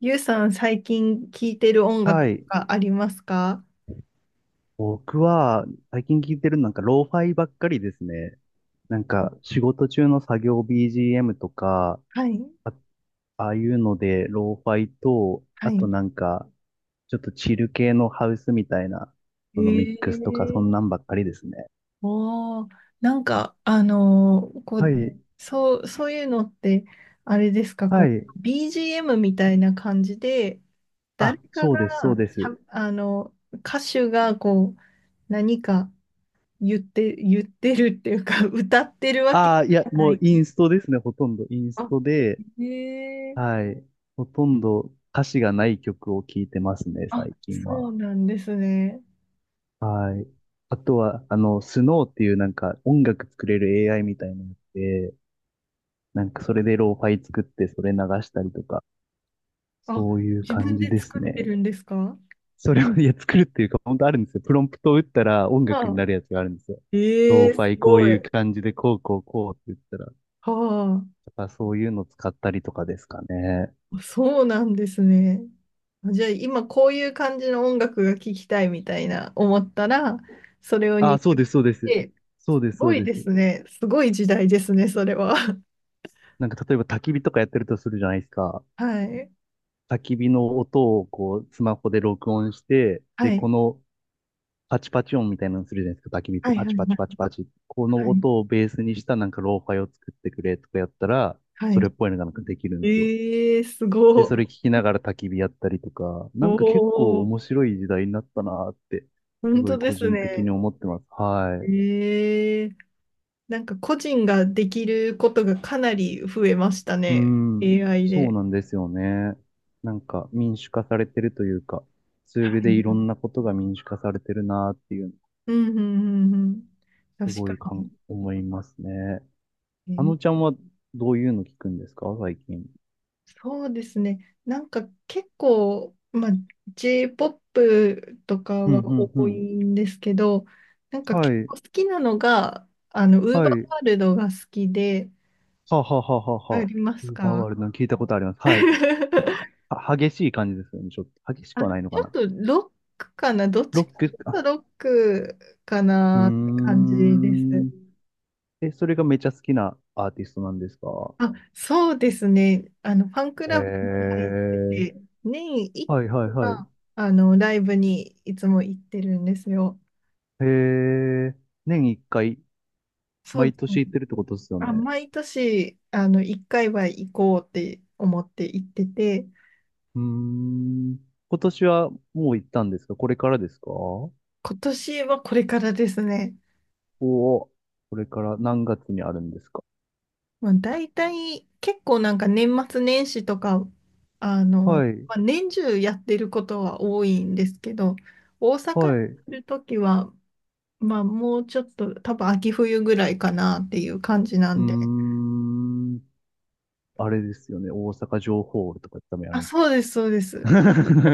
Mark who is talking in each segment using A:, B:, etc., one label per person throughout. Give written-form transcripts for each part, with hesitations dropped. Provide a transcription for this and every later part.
A: ゆうさん、最近聴いてる音
B: は
A: 楽と
B: い。
A: かありますか？
B: 僕は、最近聞いてるのなんか、ローファイばっかりですね。なんか、仕事中の作業 BGM とか、
A: はい。
B: あ、ああいうので、ローファイと、
A: は
B: あ
A: い。
B: となんか、ちょっとチル系のハウスみたいな、
A: へ
B: そのミックスとか、そんな
A: え。
B: んばっかりですね。
A: おー、なんか、こ
B: は
A: う、
B: い。
A: そういうのって、あれですか？
B: は
A: こ
B: い。
A: う、BGM みたいな感じで、誰
B: あ、
A: か
B: そう
A: が
B: です、そうで
A: しゃ、
B: す。
A: あの、歌手が、こう、何か言ってるっていうか、歌ってるわけ
B: ああ、い
A: じ
B: や、
A: ゃな
B: もう
A: い。
B: インストですね、ほとんど。イン
A: あ、
B: ストで、
A: へえ。
B: はい。ほとんど歌詞がない曲を聴いてますね、
A: あ、
B: 最近
A: そう
B: は。
A: なんですね。
B: はい。あとは、あの、スノーっていうなんか音楽作れる AI みたいなやつで、なんかそれでローファイ作ってそれ流したりとか、
A: あ、
B: そういう
A: 自
B: 感
A: 分
B: じ
A: で
B: です
A: 作って
B: ね。
A: るんですか？
B: それを、いや、作るっていうか、本当あるんですよ。プロンプトを打ったら音楽に
A: は
B: なるやつがあるんですよ。
A: え
B: ロー
A: え
B: フ
A: す
B: ァイこう
A: ごい。
B: いう
A: は、
B: 感じでこうこうこうって言ったら、とかそういうの使ったりとかですかね。
A: あ、そうなんですね。じゃあ今こういう感じの音楽が聴きたいみたいな思ったら、それを
B: あ
A: 入
B: あ、そう
A: 力
B: です、そうで
A: し
B: す。
A: て、
B: そうで
A: す
B: す、そ
A: ご
B: う
A: い
B: で
A: で
B: す。
A: すね。すごい時代ですね、それは。
B: なんか例えば焚き火とかやってるとするじゃないですか。
A: はい。
B: 焚き火の音をこう、スマホで録音して、で、
A: は
B: こ
A: い。
B: のパチパチ音みたいなのするじゃないですか。焚き火っ
A: は
B: て
A: い。はい。
B: パ
A: は
B: チパチ
A: い
B: パチパチ。この
A: はい。
B: 音をベースにしたなんかローファイを作ってくれとかやったら、
A: は
B: それっ
A: い。
B: ぽいのがなんかできるんですよ。
A: ええす
B: で、
A: ご
B: それ聞
A: い。
B: きながら焚き火やったりとか、な
A: お
B: んか結構
A: お、
B: 面白い時代になったなーって、す
A: 本
B: ご
A: 当
B: い
A: で
B: 個
A: す
B: 人的に
A: ね。
B: 思ってます。はい。
A: ええなんか個人ができることがかなり増えました
B: う
A: ね。
B: ん。
A: AI
B: そう
A: で。
B: なんですよね。なんか民主化されてるというか、ツー
A: は
B: ルでいろ
A: い。
B: んなことが民主化されてるなーっていう
A: うんうんうんうん。
B: す
A: 確
B: ご
A: か
B: いかん、思いますね。あ
A: に。
B: のちゃ
A: えー
B: んはどういうの聞くんですか最近。
A: そうですね。なんか結構、まあ、J-POP とか
B: う
A: は
B: ん、うん、う
A: 多い
B: ん。
A: んですけど、なんか
B: は
A: 結
B: い、
A: 構好きなのが、ウーバ
B: は
A: ー
B: い。
A: ワールドが好きで、
B: はあはあはあはあ
A: あ
B: はあ。
A: りま
B: ウ
A: す
B: ーバー
A: か？
B: ワールドの聞いたことあります。はい。ち ょっとは激しい感じですよね。ちょっと、激しく
A: あ、
B: はないの
A: ち
B: か
A: ょっ
B: な。
A: とロックかな、どっ
B: ロ
A: ちか
B: ック、
A: とい
B: あ、
A: うとロックか
B: うー
A: なって感じです。
B: ん。え、それがめちゃ好きなアーティストなんですか？
A: あ、そうですね。ファンク
B: へ
A: ラブに入って
B: え。
A: て、年一
B: はいはいは
A: 回、
B: い。
A: ライブにいつも行ってるんですよ。
B: へえ。年一回、
A: そう
B: 毎
A: ですね。
B: 年行ってるってことですよね。
A: あ、毎年、一回は行こうって思って行ってて、
B: うーん。今年はもう行ったんですかこれからですか？お
A: 今年はこれからですね。
B: お、これから何月にあるんですか？
A: まあ、大体、結構なんか年末年始とか、あの、
B: はい、
A: まあ、年中やってることは多いんですけど、大阪
B: は
A: に
B: い。う
A: いるときは、まあ、もうちょっと、多分秋冬ぐらいかなっていう感じな
B: ー
A: んで。
B: ん。あれですよね。大阪城ホールとか多分や
A: あ、
B: るんです。
A: そうです、そうです。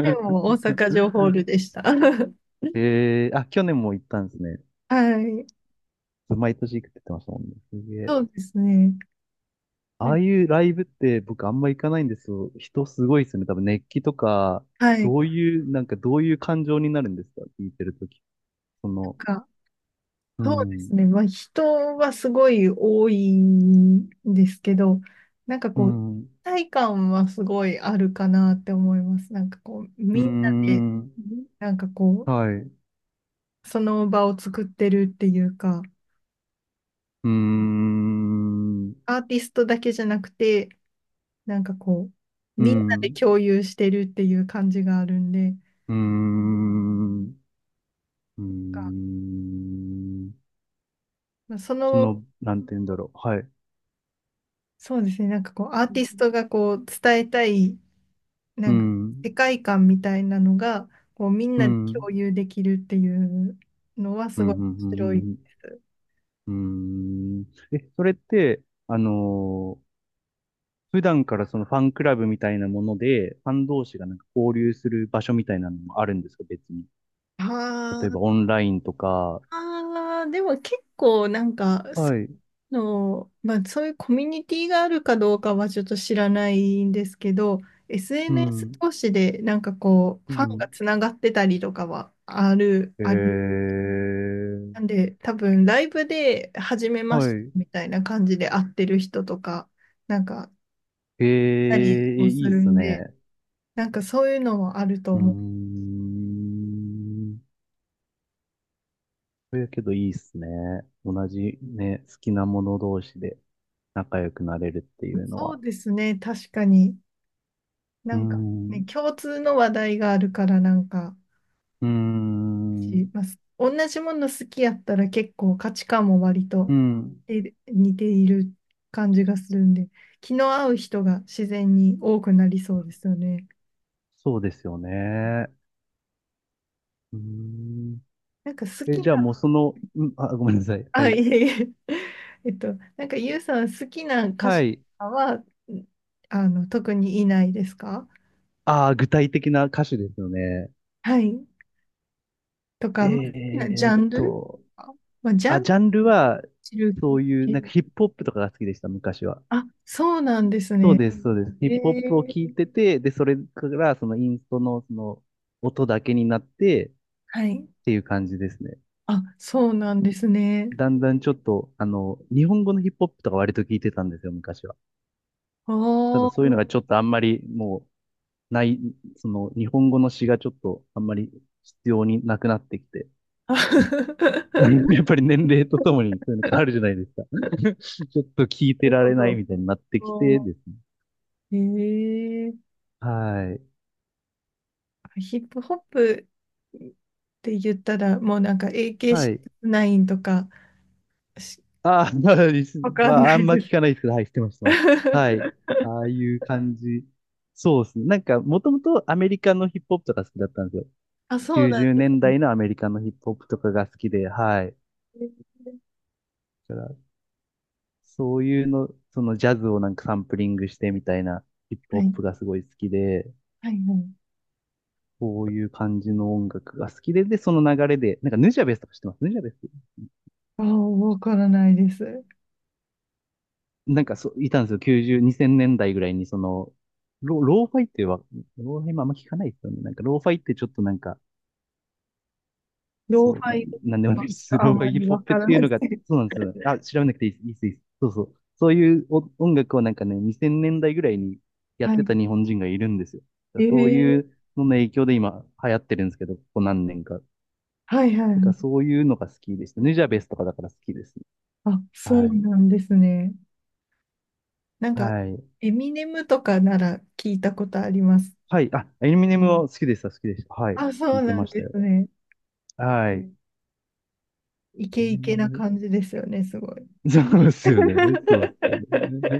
A: でも、大 阪城ホールでした。
B: えー、あ、去年も行ったんですね。
A: はい。
B: 毎年行くって言ってましたもんね。すげえ。
A: そうですね。
B: ああ
A: ね、
B: いうライブって僕あんま行かないんですよ。人すごいですよね。多分熱気とか、
A: はい。
B: ど
A: な
B: う
A: ん
B: いう、なんかどういう感情になるんですか聞いてるとき。その、
A: か、
B: う
A: そうで
B: ん、
A: すね。まあ、人はすごい多いんですけど、なんか
B: う
A: こう、一
B: ん。
A: 体感はすごいあるかなって思います。なんかこう、
B: うー
A: みんなで、
B: ん。
A: なんかこ
B: はい。う
A: う、その場を作ってるっていうか、
B: ーん。う
A: アーティストだけじゃなくて、なんかこう、
B: ー
A: みんなで
B: ん。
A: 共有してるっていう感じがあるんで、
B: うーん。うー
A: が
B: ん
A: まあそ
B: そ
A: の、
B: の、なんて言うんだろう。はい。
A: そうですね、なんかこう、アー
B: う
A: ティストがこう、伝えたい、
B: ん。
A: なんか世界観みたいなのが、こう、みん
B: うん。
A: なで
B: う
A: 共
B: ん。
A: 有できるっていうのは
B: う
A: すごい
B: ん。
A: 面白いで
B: うん。
A: す。
B: うんえ、それって、あのー普段からそのファンクラブみたいなもので、ファン同士がなんか交流する場所みたいなのもあるんですか、別に。
A: あ
B: 例え
A: ー
B: ばオンラインとか。
A: あー、でも結構なんか、
B: はい。
A: の、まあ、そういうコミュニティがあるかどうかはちょっと知らないんですけど、
B: う
A: SNS
B: ん。
A: 同士でなんかこう、
B: う
A: ファン
B: ん。
A: がつながってたりとかはある、
B: え
A: あり
B: ー、
A: なんで、多分ライブで初めま
B: は
A: して
B: い。
A: みたいな感じで会ってる人とか、なんか、
B: えー
A: たり
B: え、
A: もす
B: いいっ
A: る
B: す
A: んで、
B: ね。
A: なんかそういうのはあると
B: うー
A: 思う。
B: ん。そやけどいいっすね。同じね、好きなもの同士で仲良くなれるっていうの
A: そ
B: は。
A: うですね、確かに。
B: う
A: な
B: ー
A: んかね、
B: ん。
A: 共通の話題があるから、なんか、
B: うー
A: し
B: ん。
A: ます。同じもの好きやったら結構価値観も割と
B: うん。
A: え似ている感じがするんで、気の合う人が自然に多くなりそうですよね。
B: そうですよね。うーん。
A: なんか好
B: え、
A: き
B: じゃあ
A: な、
B: もうその、うん、あ、ごめんなさい。は
A: あ、い
B: い。
A: えいえ、なんかゆうさん好きな歌手
B: は
A: と
B: い。
A: かは、特にいないですか？
B: ああ、具体的な歌手ですよね。
A: はい。と
B: え
A: か、まあ、好きなジ
B: ー
A: ャ
B: っ
A: ンル
B: と、
A: あまあ、ジャ
B: あ、
A: ン
B: ジャ
A: ル
B: ンルは、
A: 知る。
B: そういう、なんかヒップホップとかが好きでした、昔は。
A: あ、そうなんです
B: そう
A: ね。
B: です、そうです。
A: え
B: ヒップホップを
A: ー、
B: 聞いてて、で、それから、そのインストの、その、音だけになって、
A: はい。
B: っていう感じですね。
A: あ、そうなんですね。
B: だんだんちょっと、あの、日本語のヒップホップとか割と聞いてたんですよ、昔は。ただ
A: あ
B: そうい
A: あ。
B: うのがちょっとあんまり、もう、ない、その、日本語の詩がちょっと、あんまり必要になくなってきて。やっぱり年齢とともにそういうの変
A: な
B: わるじゃないですか。ちょっと聞いてられない
A: る
B: みたいになって
A: ほ
B: きて
A: ど。
B: ですね
A: ええー
B: はい。
A: ヒップホップって言ったら、もうなんか a k イ
B: はい。
A: 9とかし、
B: あー、
A: わか
B: ま
A: んな
B: あ、あ
A: い
B: んま
A: で
B: 聞
A: す。
B: かないですけど、はい、知ってます、知ってます。はい。ああ いう感じ。そうですね。なんか、もともとアメリカのヒップホップとか好きだったんですよ。
A: あ、そう
B: 90
A: なんで
B: 年
A: すね。
B: 代のアメリカのヒップホップとかが好きで、はい。だから、そういうの、そのジャズをなんかサンプリングしてみたいなヒップホ
A: は
B: ッ
A: い、
B: プがすごい好きで、
A: はい、はい。
B: こういう感じの音楽が好きで、で、その流れで、なんかヌジャベスとか知ってますヌジャベス？
A: ああ、わからないです。
B: なんかそう、いたんですよ。90、2000年代ぐらいに、その、ローファイっては、ローファイもあんま聞かないですよね。なんか、ローファイってちょっとなんか、
A: ローフ
B: そう、
A: ァ
B: な、
A: イ
B: なんでもない
A: は
B: で
A: ちょ
B: す。
A: っとあ
B: ロー
A: ん
B: ファ
A: ま
B: イヒッ
A: り
B: プホッ
A: わ
B: プ
A: か
B: っ
A: ら
B: てい
A: な
B: う
A: いで
B: の
A: す。
B: があって、そうなんですよ。あ、調べなくていいです、いいです、いいです。そうそう。そういうお音楽をなんかね、2000年代ぐらいにやっ
A: は
B: てた
A: い。
B: 日本人がいるんですよ。だからそうい
A: え
B: う
A: え
B: のの影響で今流行ってるんですけど、ここ何年か。
A: はい、はい、は
B: だから
A: い。
B: そういうのが好きでした。ヌジャベスとかだから好きですね。
A: あ、そう
B: はい。
A: なんですね。なんか、
B: はい。
A: エミネムとかなら聞いたことあります。
B: はい。あ、エミネムは好きでした、好きでした。はい。
A: あ、
B: 聞
A: そう
B: いて
A: な
B: ま
A: ん
B: した
A: で
B: よ。
A: すね。
B: はい。
A: イ
B: エ
A: ケ
B: ミ
A: イ
B: ネ
A: ケな
B: ム。
A: 感じですよね、すごい。
B: そうですよね。そうですよ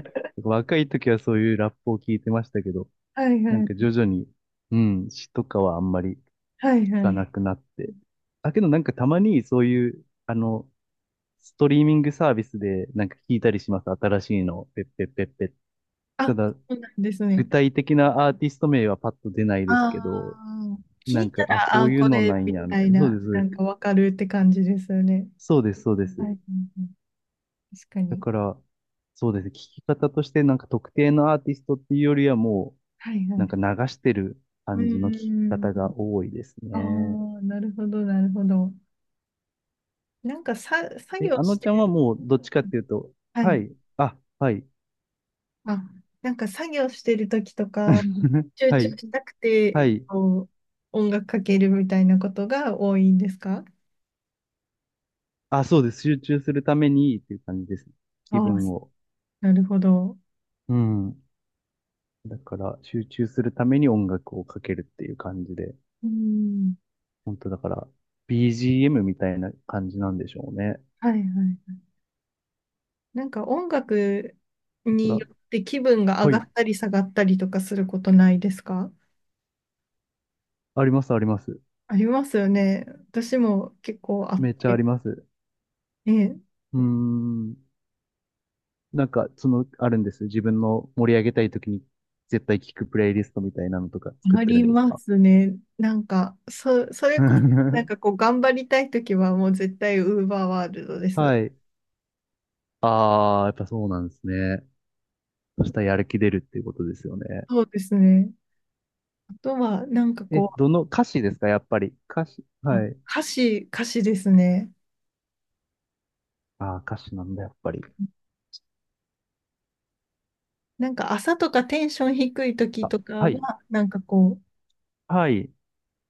B: ね。若い時はそういうラップを聞いてましたけど、
A: はい
B: なん
A: は
B: か
A: い。
B: 徐々に、うん、詩とかはあんまり聞
A: はいは
B: か
A: い。
B: なくなって。だけどなんかたまにそういう、あの、ストリーミングサービスでなんか聞いたりします。新しいの。ペッペッペッペッ。た
A: あ、
B: だ、
A: そうなんです
B: 具
A: ね。
B: 体的なアーティスト名はパッと出ないですけ
A: あ
B: ど、
A: あ、聞
B: な
A: い
B: ん
A: た
B: か、あ、
A: ら、あ
B: こ
A: あ
B: ういう
A: こ
B: のな
A: れ、
B: ん
A: み
B: や、み
A: た
B: たい
A: い
B: な。そうで
A: な、
B: す、そう
A: な
B: です。
A: んかわかるって感じですよね。
B: そうです、そうで
A: はい
B: す。
A: はいはい。確か
B: だ
A: に。
B: から、そうですね。聞き方としてなんか特定のアーティストっていうよりはも
A: はいは
B: う、なんか流
A: い。
B: してる
A: う
B: 感じの聞き
A: ー
B: 方
A: ん。
B: が多いです
A: あ
B: ね。
A: あ、なるほど、なるほど。なんかさ、作
B: え、
A: 業
B: あ
A: し
B: の
A: て
B: ちゃんは
A: る。
B: もうどっちかっていうと、
A: は
B: は
A: い。
B: い、あ、はい、
A: あ、なんか作業してる時とか、集
B: は
A: 中
B: い、
A: したく
B: は
A: て、
B: い、
A: こう、音楽かけるみたいなことが多いんですか？
B: あ、そうです。集中するためにっていう感じです。気
A: ああ、
B: 分を。
A: なるほど。
B: うん。だから、集中するために音楽をかけるっていう感じで、
A: うん。
B: 本当だから、BGM みたいな感じなんでしょうね。
A: はいはい。なんか音楽
B: だか
A: に
B: ら、
A: よって気分が上
B: は
A: が
B: い、
A: ったり下がったりとかすることないですか？
B: あります、あります。
A: ありますよね。私も結構あっ
B: めっちゃあ
A: て。
B: ります。
A: え
B: うーん。なんか、その、あるんです。自分の盛り上げたい時に絶対聞くプレイリストみたいなのとか作っ
A: あ
B: てる
A: り
B: んです
A: ま
B: か？
A: すね。なんか、それこそ、なん かこう、頑張りたいときはもう絶対ウーバーワールドです。
B: はい。あー、やっぱそうなんですね。そしたらやる気出るっていうことですよね。
A: そうですね。あとは、なんか
B: え、
A: こ
B: どの、歌詞ですかやっぱり？歌詞。
A: う、あ
B: はい。
A: 歌詞ですね。
B: あー、歌詞なんだ、やっぱり。
A: なんか朝とかテンション低い時
B: あ、
A: とか
B: はい。
A: は、なんかこう、
B: はい。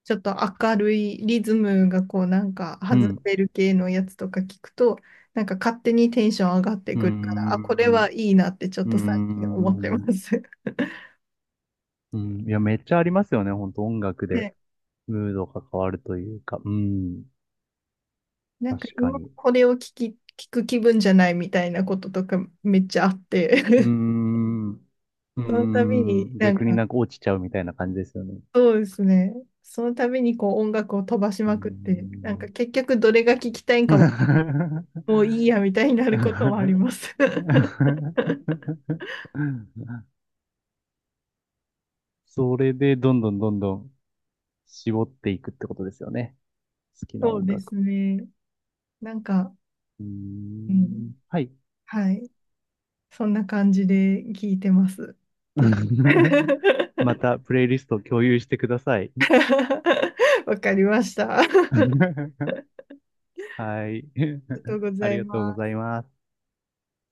A: ちょっと明るいリズムがこう、なんか
B: う
A: 外
B: ん。
A: れる系のやつとか聞くと、なんか勝手にテンション上がって
B: うー
A: くるから、あ、これ
B: ん。
A: はい
B: う
A: いなってちょっ
B: ー
A: と最近思ってま
B: ん。
A: す。
B: うん。いや、めっちゃありますよね。ほんと音楽で。
A: で、
B: ムードが変わるというか。うん。
A: なん
B: 確
A: か
B: か
A: 今
B: に。
A: これを聞く気分じゃないみたいなこととかめっちゃあって、
B: うー ん。うー
A: その度に
B: ん。
A: なん
B: 逆に
A: か
B: なんか落ちちゃうみたいな感じですよね。
A: そうですね。そのためにこう音楽を飛ばし
B: うー
A: まくって、なんか
B: ん。
A: 結局どれが聞きたいんかはもういい やみたいになることもあります。
B: それでどんどんどんどん絞っていくってことですよね。好きな
A: そう
B: 音
A: で
B: 楽。
A: すね。なんか、
B: うー
A: うん、
B: ん。はい。
A: はい。そんな感じで聞いてます。け
B: またプレイリストを共有してください。
A: わかりました。あり
B: はい。
A: がとう ご
B: あ
A: ざ
B: り
A: い
B: がとうご
A: ま
B: ざ
A: す。
B: います。